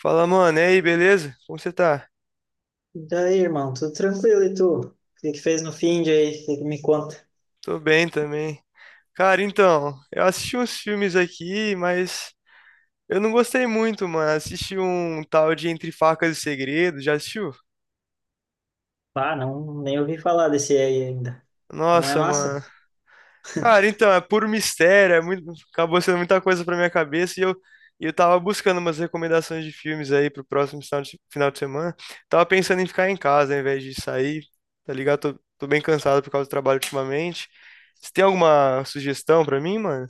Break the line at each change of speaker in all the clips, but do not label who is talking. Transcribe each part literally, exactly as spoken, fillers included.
Fala, mano, e aí, beleza? Como você tá?
E daí, irmão, tudo tranquilo e tu? O que que fez no fim de aí? O que que me conta?
Tô bem também. Cara, então, eu assisti uns filmes aqui, mas eu não gostei muito, mano. Assisti um tal de Entre Facas e Segredos, já assistiu?
Ah, não, nem ouvi falar desse aí ainda. Não é
Nossa,
massa?
mano. Cara, então, é puro mistério, é muito... acabou sendo muita coisa pra minha cabeça e eu... e eu tava buscando umas recomendações de filmes aí pro próximo final de, final de semana. Tava pensando em ficar em casa ao invés de sair, tá ligado? Tô, tô bem cansado por causa do trabalho ultimamente. Você tem alguma sugestão pra mim, mano?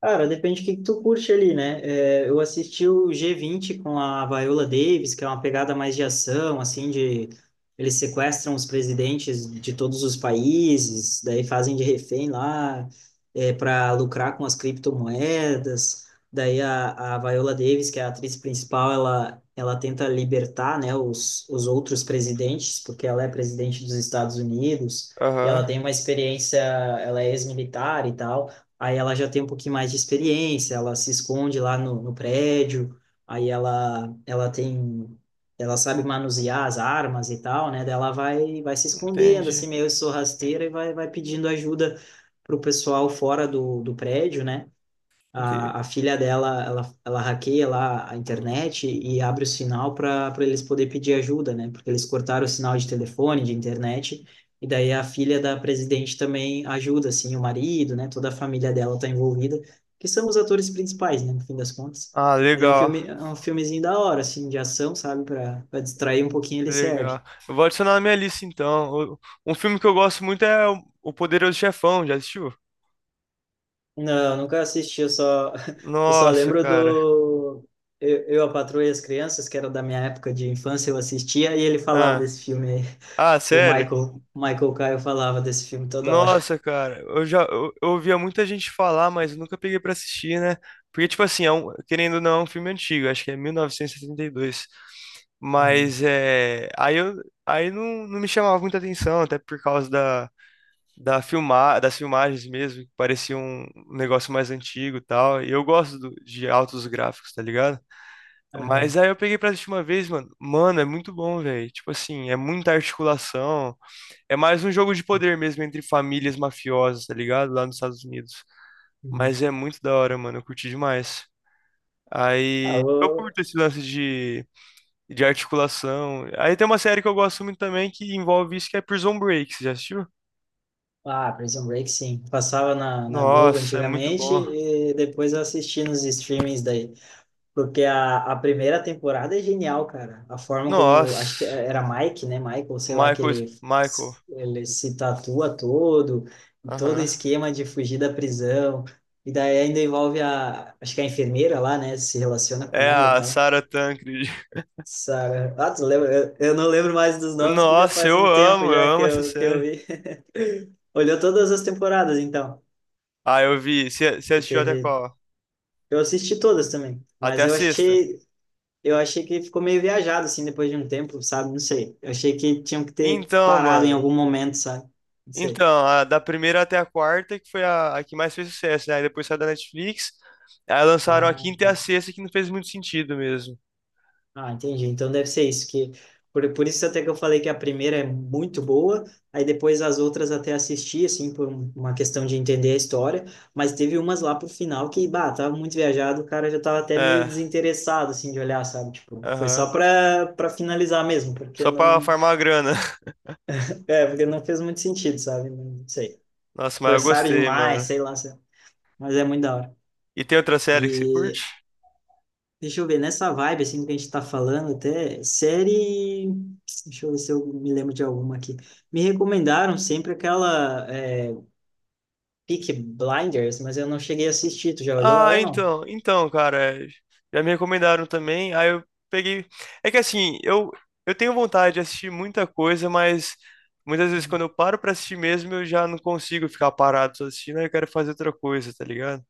Cara, depende do que que tu curte ali, né? É, eu assisti o G vinte com a Viola Davis, que é uma pegada mais de ação, assim, de eles sequestram os presidentes de todos os países, daí fazem de refém lá, é, para lucrar com as criptomoedas. Daí a, a Viola Davis, que é a atriz principal, ela, ela tenta libertar, né, os, os outros presidentes, porque ela é presidente dos Estados Unidos, e
Aham,
ela tem uma experiência, ela é ex-militar e tal, aí ela já tem um pouquinho mais de experiência, ela se esconde lá no, no prédio, aí ela, ela tem, ela sabe manusear as armas e tal, né? Daí ela vai, vai se escondendo, assim,
entendi,
meio sorrateira e vai, vai pedindo ajuda pro pessoal fora do, do prédio, né?
entendi.
A, a filha dela, ela, ela hackeia lá a internet e abre o sinal para para eles poderem pedir ajuda, né? Porque eles cortaram o sinal de telefone, de internet, e daí a filha da presidente também ajuda, assim, o marido, né? Toda a família dela está envolvida, que são os atores principais, né? No fim das contas.
Ah,
Mas é um
legal,
filme, é um filmezinho da hora, assim, de ação, sabe? Para para distrair um pouquinho ele
legal.
serve.
Eu vou adicionar na minha lista então. O- Um filme que eu gosto muito é O O Poderoso Chefão, já assistiu?
Não, nunca assisti, eu só, eu só
Nossa,
lembro
cara.
do... Eu, eu, A Patroa e as Crianças, que era da minha época de infância, eu assistia e ele falava
Ah,
desse filme aí.
ah,
O
sério?
Michael, Michael Caio falava desse filme toda hora.
Nossa, cara. Eu já eu, eu ouvia muita gente falar, mas eu nunca peguei pra assistir, né? Porque, tipo assim, é um- querendo ou não, é um filme antigo, acho que é mil novecentos e setenta e dois.
Uhum.
Mas é. Aí eu aí não, não me chamava muita atenção, até por causa da. Da filmar, das filmagens mesmo, que parecia um um negócio mais antigo e tal. E eu gosto do- de altos gráficos, tá ligado? Mas
Uhum.
aí eu peguei pra assistir uma vez, mano. Mano, é muito bom, velho. Tipo assim, é muita articulação. É mais um jogo de poder mesmo entre famílias mafiosas, tá ligado? Lá nos Estados Unidos.
Uhum.
Mas é muito da hora, mano. Eu curti demais.
Ah,
Aí eu
eu-
curto esse lance de, de articulação. Aí tem uma série que eu gosto muito também que envolve isso, que é Prison Break. Você já assistiu?
ah, Prison Break, sim. Passava na, na Globo
Nossa, é muito
antigamente
bom.
e depois eu assisti nos streamings daí. Porque a, a primeira temporada é genial, cara. A forma como, acho que
Nossa.
era Mike, né? Michael, sei lá, que
Michael,
ele,
Michael.
ele se tatua todo, todo o
Aham.
esquema de fugir da prisão. E daí ainda envolve a, acho que a enfermeira lá, né? Se relaciona com
É
ela e
a
tal.
Sarah Tancred.
Sarah, ah, tu lembra? Eu, eu não lembro mais dos nomes, que já
Nossa,
faz
eu
um tempo
amo, eu
já que
amo essa
eu, que eu
série.
vi. Olhou todas as temporadas, então,
Ah, eu vi. Você você
que
assistiu até
teve.
qual?
Eu assisti todas também,
Até
mas
a
eu
sexta?
achei. Eu achei que ficou meio viajado, assim, depois de um tempo, sabe? Não sei. Eu achei que tinham que ter
Então,
parado em
mano.
algum momento, sabe? Não sei.
Então, a da primeira até a quarta, que foi a, a que mais fez sucesso, né? Aí depois saiu da Netflix. Aí lançaram a
Ah,
quinta e a
tá.
sexta, que não fez muito sentido mesmo.
Ah, entendi. Então deve ser isso, que... Por, por isso até que eu falei que a primeira é muito boa, aí depois as outras até assisti, assim, por um- uma questão de entender a história, mas teve umas lá pro final que, bah, tava muito viajado, o cara já tava até meio
É,
desinteressado, assim, de olhar, sabe? Tipo, foi
aham.
só pra, pra finalizar mesmo, porque
Só pra
não...
farmar a grana.
É, porque não fez muito sentido, sabe? Não sei.
Nossa, mas eu
Forçaram
gostei,
demais,
mano.
sei lá, sei- mas é muito da hora.
E tem outra série que você curte?
E Deixa eu ver, nessa vibe assim que a gente tá falando até, série, deixa eu ver se eu me lembro de alguma aqui. Me recomendaram sempre aquela é, Peaky Blinders, mas eu não cheguei a assistir, tu já olhou
Ah,
ela não?
então, então, cara, já me recomendaram também. Aí eu peguei. É que assim, eu eu tenho vontade de assistir muita coisa, mas muitas vezes quando eu paro pra assistir mesmo, eu já não consigo ficar parado só assistindo, aí eu quero fazer outra coisa, tá ligado?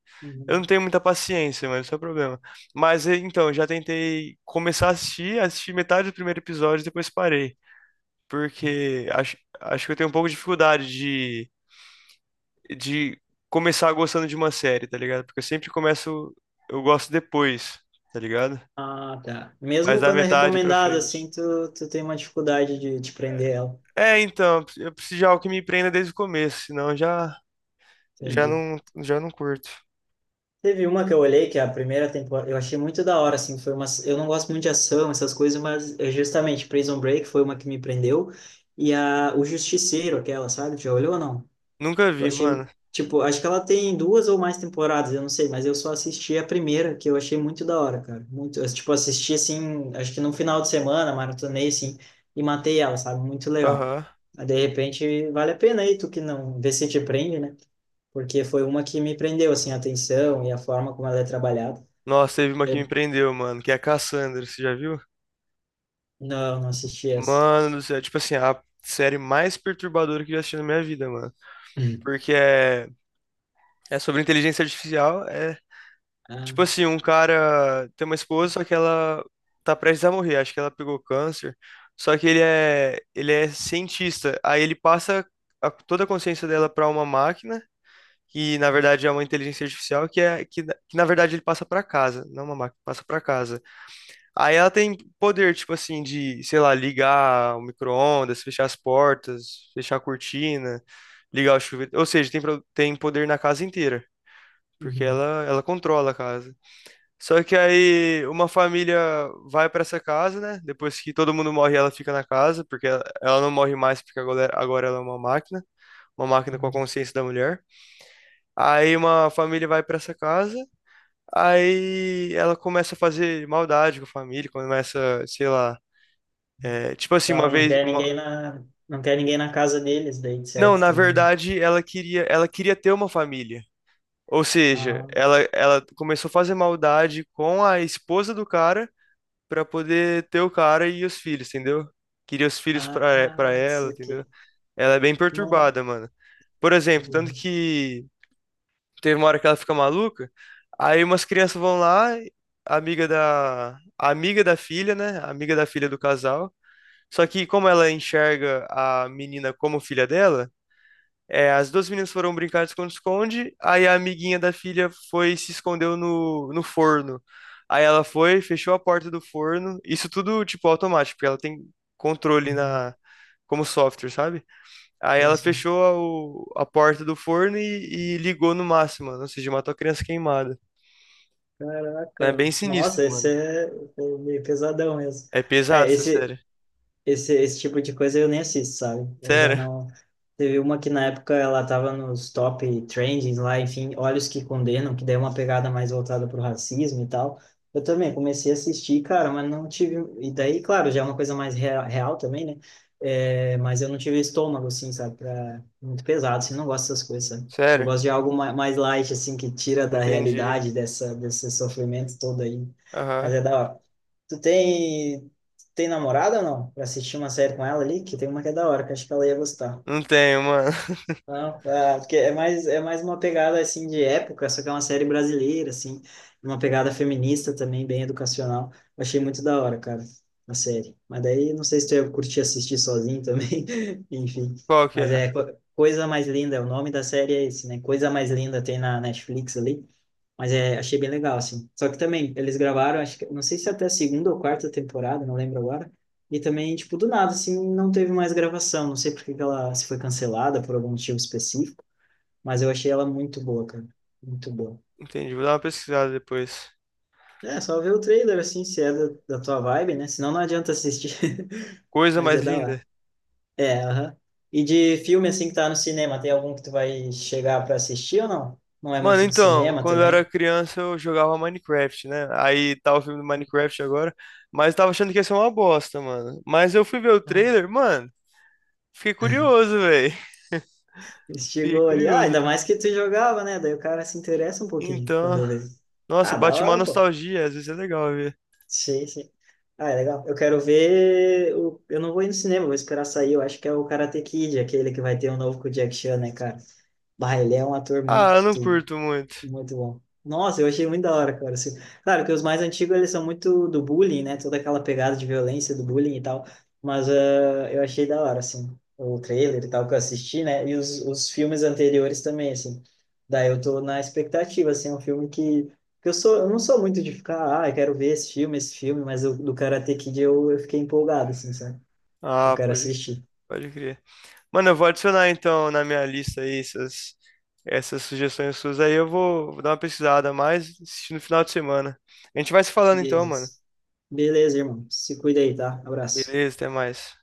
Eu
Uhum.
não tenho muita paciência, mas isso é o problema. Mas eh, então, eu já tentei começar a assistir, assisti metade do primeiro episódio e depois parei. Porque acho, acho que eu tenho um pouco de dificuldade de, de começar gostando de uma série, tá ligado? Porque eu sempre começo, eu gosto depois, tá ligado?
Ah, tá.
Mas
Mesmo
da
quando é
metade pra
recomendado
frente.
assim, tu, tu tem uma dificuldade de, de prender ela.
É, então, eu preciso de algo que me prenda desde o começo, senão eu já, já
Entendi.
não, já não curto.
Teve uma que eu olhei, que é a primeira temporada, eu achei muito da hora, assim, foi uma, eu não gosto muito de ação, essas coisas, mas é justamente Prison Break foi uma que me prendeu, e a, o Justiceiro, aquela, sabe, já olhou ou não?
Nunca
Eu
vi,
achei,
mano.
tipo, acho que ela tem duas ou mais temporadas, eu não sei, mas eu só assisti a primeira, que eu achei muito da hora, cara, muito, eu, tipo, assisti, assim, acho que num final de semana, maratonei, assim, e matei ela, sabe, muito legal.
Aham.
Mas, de repente, vale a pena aí, tu que não, vê se te prende, né? Porque foi uma que me prendeu, assim, a atenção e a forma como ela é trabalhada.
Nossa, teve uma que me
Eu-
prendeu, mano, que é a Cassandra, você já viu?
não, não assisti essa.
Mano do céu, tipo assim, a série mais perturbadora que eu já assisti na minha vida, mano.
Hum.
Porque é, é sobre inteligência artificial, é
Ah,
tipo assim, um cara tem uma esposa, só que ela tá prestes a morrer, acho que ela pegou câncer. Só que ele é, ele é cientista, aí ele passa a- toda a consciência dela pra uma máquina, que na verdade é uma inteligência artificial, que é que, na- que na verdade ele passa pra casa, não uma máquina, passa pra casa. Aí ela tem poder, tipo assim, de, sei lá, ligar o micro-ondas, fechar as portas, fechar a cortina, ligar o chuveiro. Ou seja, tem, pro- tem poder na casa inteira, porque
uhum,
ela, ela controla a casa. Só que aí uma família vai pra essa casa, né? Depois que todo mundo morre, ela fica na casa, porque ela, ela não morre mais, porque agora, agora ela é uma máquina, uma máquina com a
uhum.
consciência da mulher. Aí uma família vai pra essa casa, aí ela começa a fazer maldade com a família, começa, sei lá É, tipo assim,
Então,
uma
ela não
vez,
quer ninguém
uma...
na, não quer ninguém na casa deles, daí, de
Não,
certo,
na
também, né?
verdade, ela queria, ela queria ter uma família. Ou seja,
Ah,
ela, ela começou a fazer maldade com a esposa do cara pra poder ter o cara e os filhos, entendeu? Queria os filhos pra, é, pra
ah,
ela,
isso
entendeu?
aqui.
Ela é bem
Não,
perturbada, mano. Por
que
exemplo, tanto
viagem.
que teve uma hora que ela fica maluca, aí umas crianças vão lá, a amiga da, a amiga da filha, né? A amiga da filha do casal. Só que como ela enxerga a menina como filha dela, é, as duas meninas foram brincar de esconde-esconde, aí a amiguinha da filha foi e se escondeu no, no forno. Aí ela foi, fechou a porta do forno, isso tudo, tipo, automático, porque ela tem controle
Uhum.
na, como software, sabe? Aí
Sim,
ela
sim.
fechou a, o- a porta do forno e, e ligou no máximo, mano, ou seja, matou a criança queimada. É bem
Caraca,
sinistro,
nossa, esse
mano.
é é meio pesadão mesmo.
É pesado
É,
essa
esse,
série.
esse, esse tipo de coisa eu nem assisto, sabe? Eu já
Sério?
não. Teve uma que na época ela tava nos top trendings lá, enfim, Olhos que Condenam, que daí é uma pegada mais voltada pro racismo e tal. Eu também comecei a assistir, cara, mas não tive. E daí, claro, já é uma coisa mais real, real também, né? É, mas eu não tive estômago, assim, sabe? Pra... Muito pesado, assim, não gosto dessas coisas, sabe? Eu
Sério?
gosto de algo ma- mais light, assim, que tira da
Entendi.
realidade dessa, desse sofrimento todo aí.
Aham.
Mas é da hora. Tu tem. Tem namorada ou não? Pra assistir uma série com ela ali, que tem uma que é da hora, que eu acho que ela ia gostar.
Não tenho, mano.
Não, ah, porque é mais, é mais uma pegada assim de época, só que é uma série brasileira, assim, uma pegada feminista também, bem educacional. Eu achei muito da hora, cara, a série. Mas daí não sei se tu ia curtir assistir sozinho também, enfim.
Qual que
Mas
é?
é Co- Coisa Mais Linda, o nome da série é esse, né? Coisa Mais Linda tem na Netflix ali. Mas é, achei bem legal, assim. Só que também, eles gravaram, acho que, não sei se é até a segunda ou quarta temporada, não lembro agora, e também, tipo, do nada, assim, não teve mais gravação. Não sei por que que ela se foi cancelada por algum motivo específico, mas eu achei ela muito boa, cara. Muito boa.
Entendi. Vou dar uma pesquisada depois.
É, só ver o trailer, assim, se é da, da tua vibe, né? Senão não adianta assistir.
Coisa
Mas
mais
é da
linda.
hora. É, aham. E de filme, assim, que tá no cinema, tem algum que tu vai chegar pra assistir ou não? Não é
Mano,
muito de
então,
cinema
quando eu era
também?
criança eu jogava Minecraft, né? Aí tá o filme do Minecraft agora, mas eu tava achando que ia ser uma bosta, mano. Mas eu fui ver o
Ah.
trailer, mano, fiquei curioso, velho. Fiquei
Chegou ali. Ah,
curioso.
ainda mais que tu jogava, né? Daí o cara se interessa um pouquinho quando
Então,
eu vejo.
nossa,
Ah, da
bate uma
hora, pô.
nostalgia, às vezes é legal ver.
Sim, sim. Ah, é legal. Eu quero ver. O... Eu não vou ir no cinema, vou esperar sair. Eu acho que é o Karate Kid, aquele que vai ter um novo com o Jack Chan, né, cara? Bah, ele é um ator muito
Ah, eu não curto muito.
muito bom. Nossa, eu achei muito da hora, cara. Assim, claro que os mais antigos eles são muito do bullying, né? Toda aquela pegada de violência do bullying e tal. Mas ah, eu achei da hora, assim, o trailer e tal que eu assisti, né? E os, os filmes anteriores também, assim. Daí eu tô na expectativa, assim, é um filme que, que eu sou, eu não sou muito de ficar, ah, eu quero ver esse filme, esse filme, mas o do Karate Kid eu, eu fiquei empolgado, assim, sabe? Eu
Ah,
quero
pode,
assistir.
pode crer. Mano, eu vou adicionar então na minha lista aí essas, essas sugestões suas aí, eu vou, vou dar uma pesquisada a mais assistir no final de semana. A gente vai se falando então, mano.
Beleza. Beleza, irmão. Se cuida aí, tá? Abraço.
Beleza, até mais.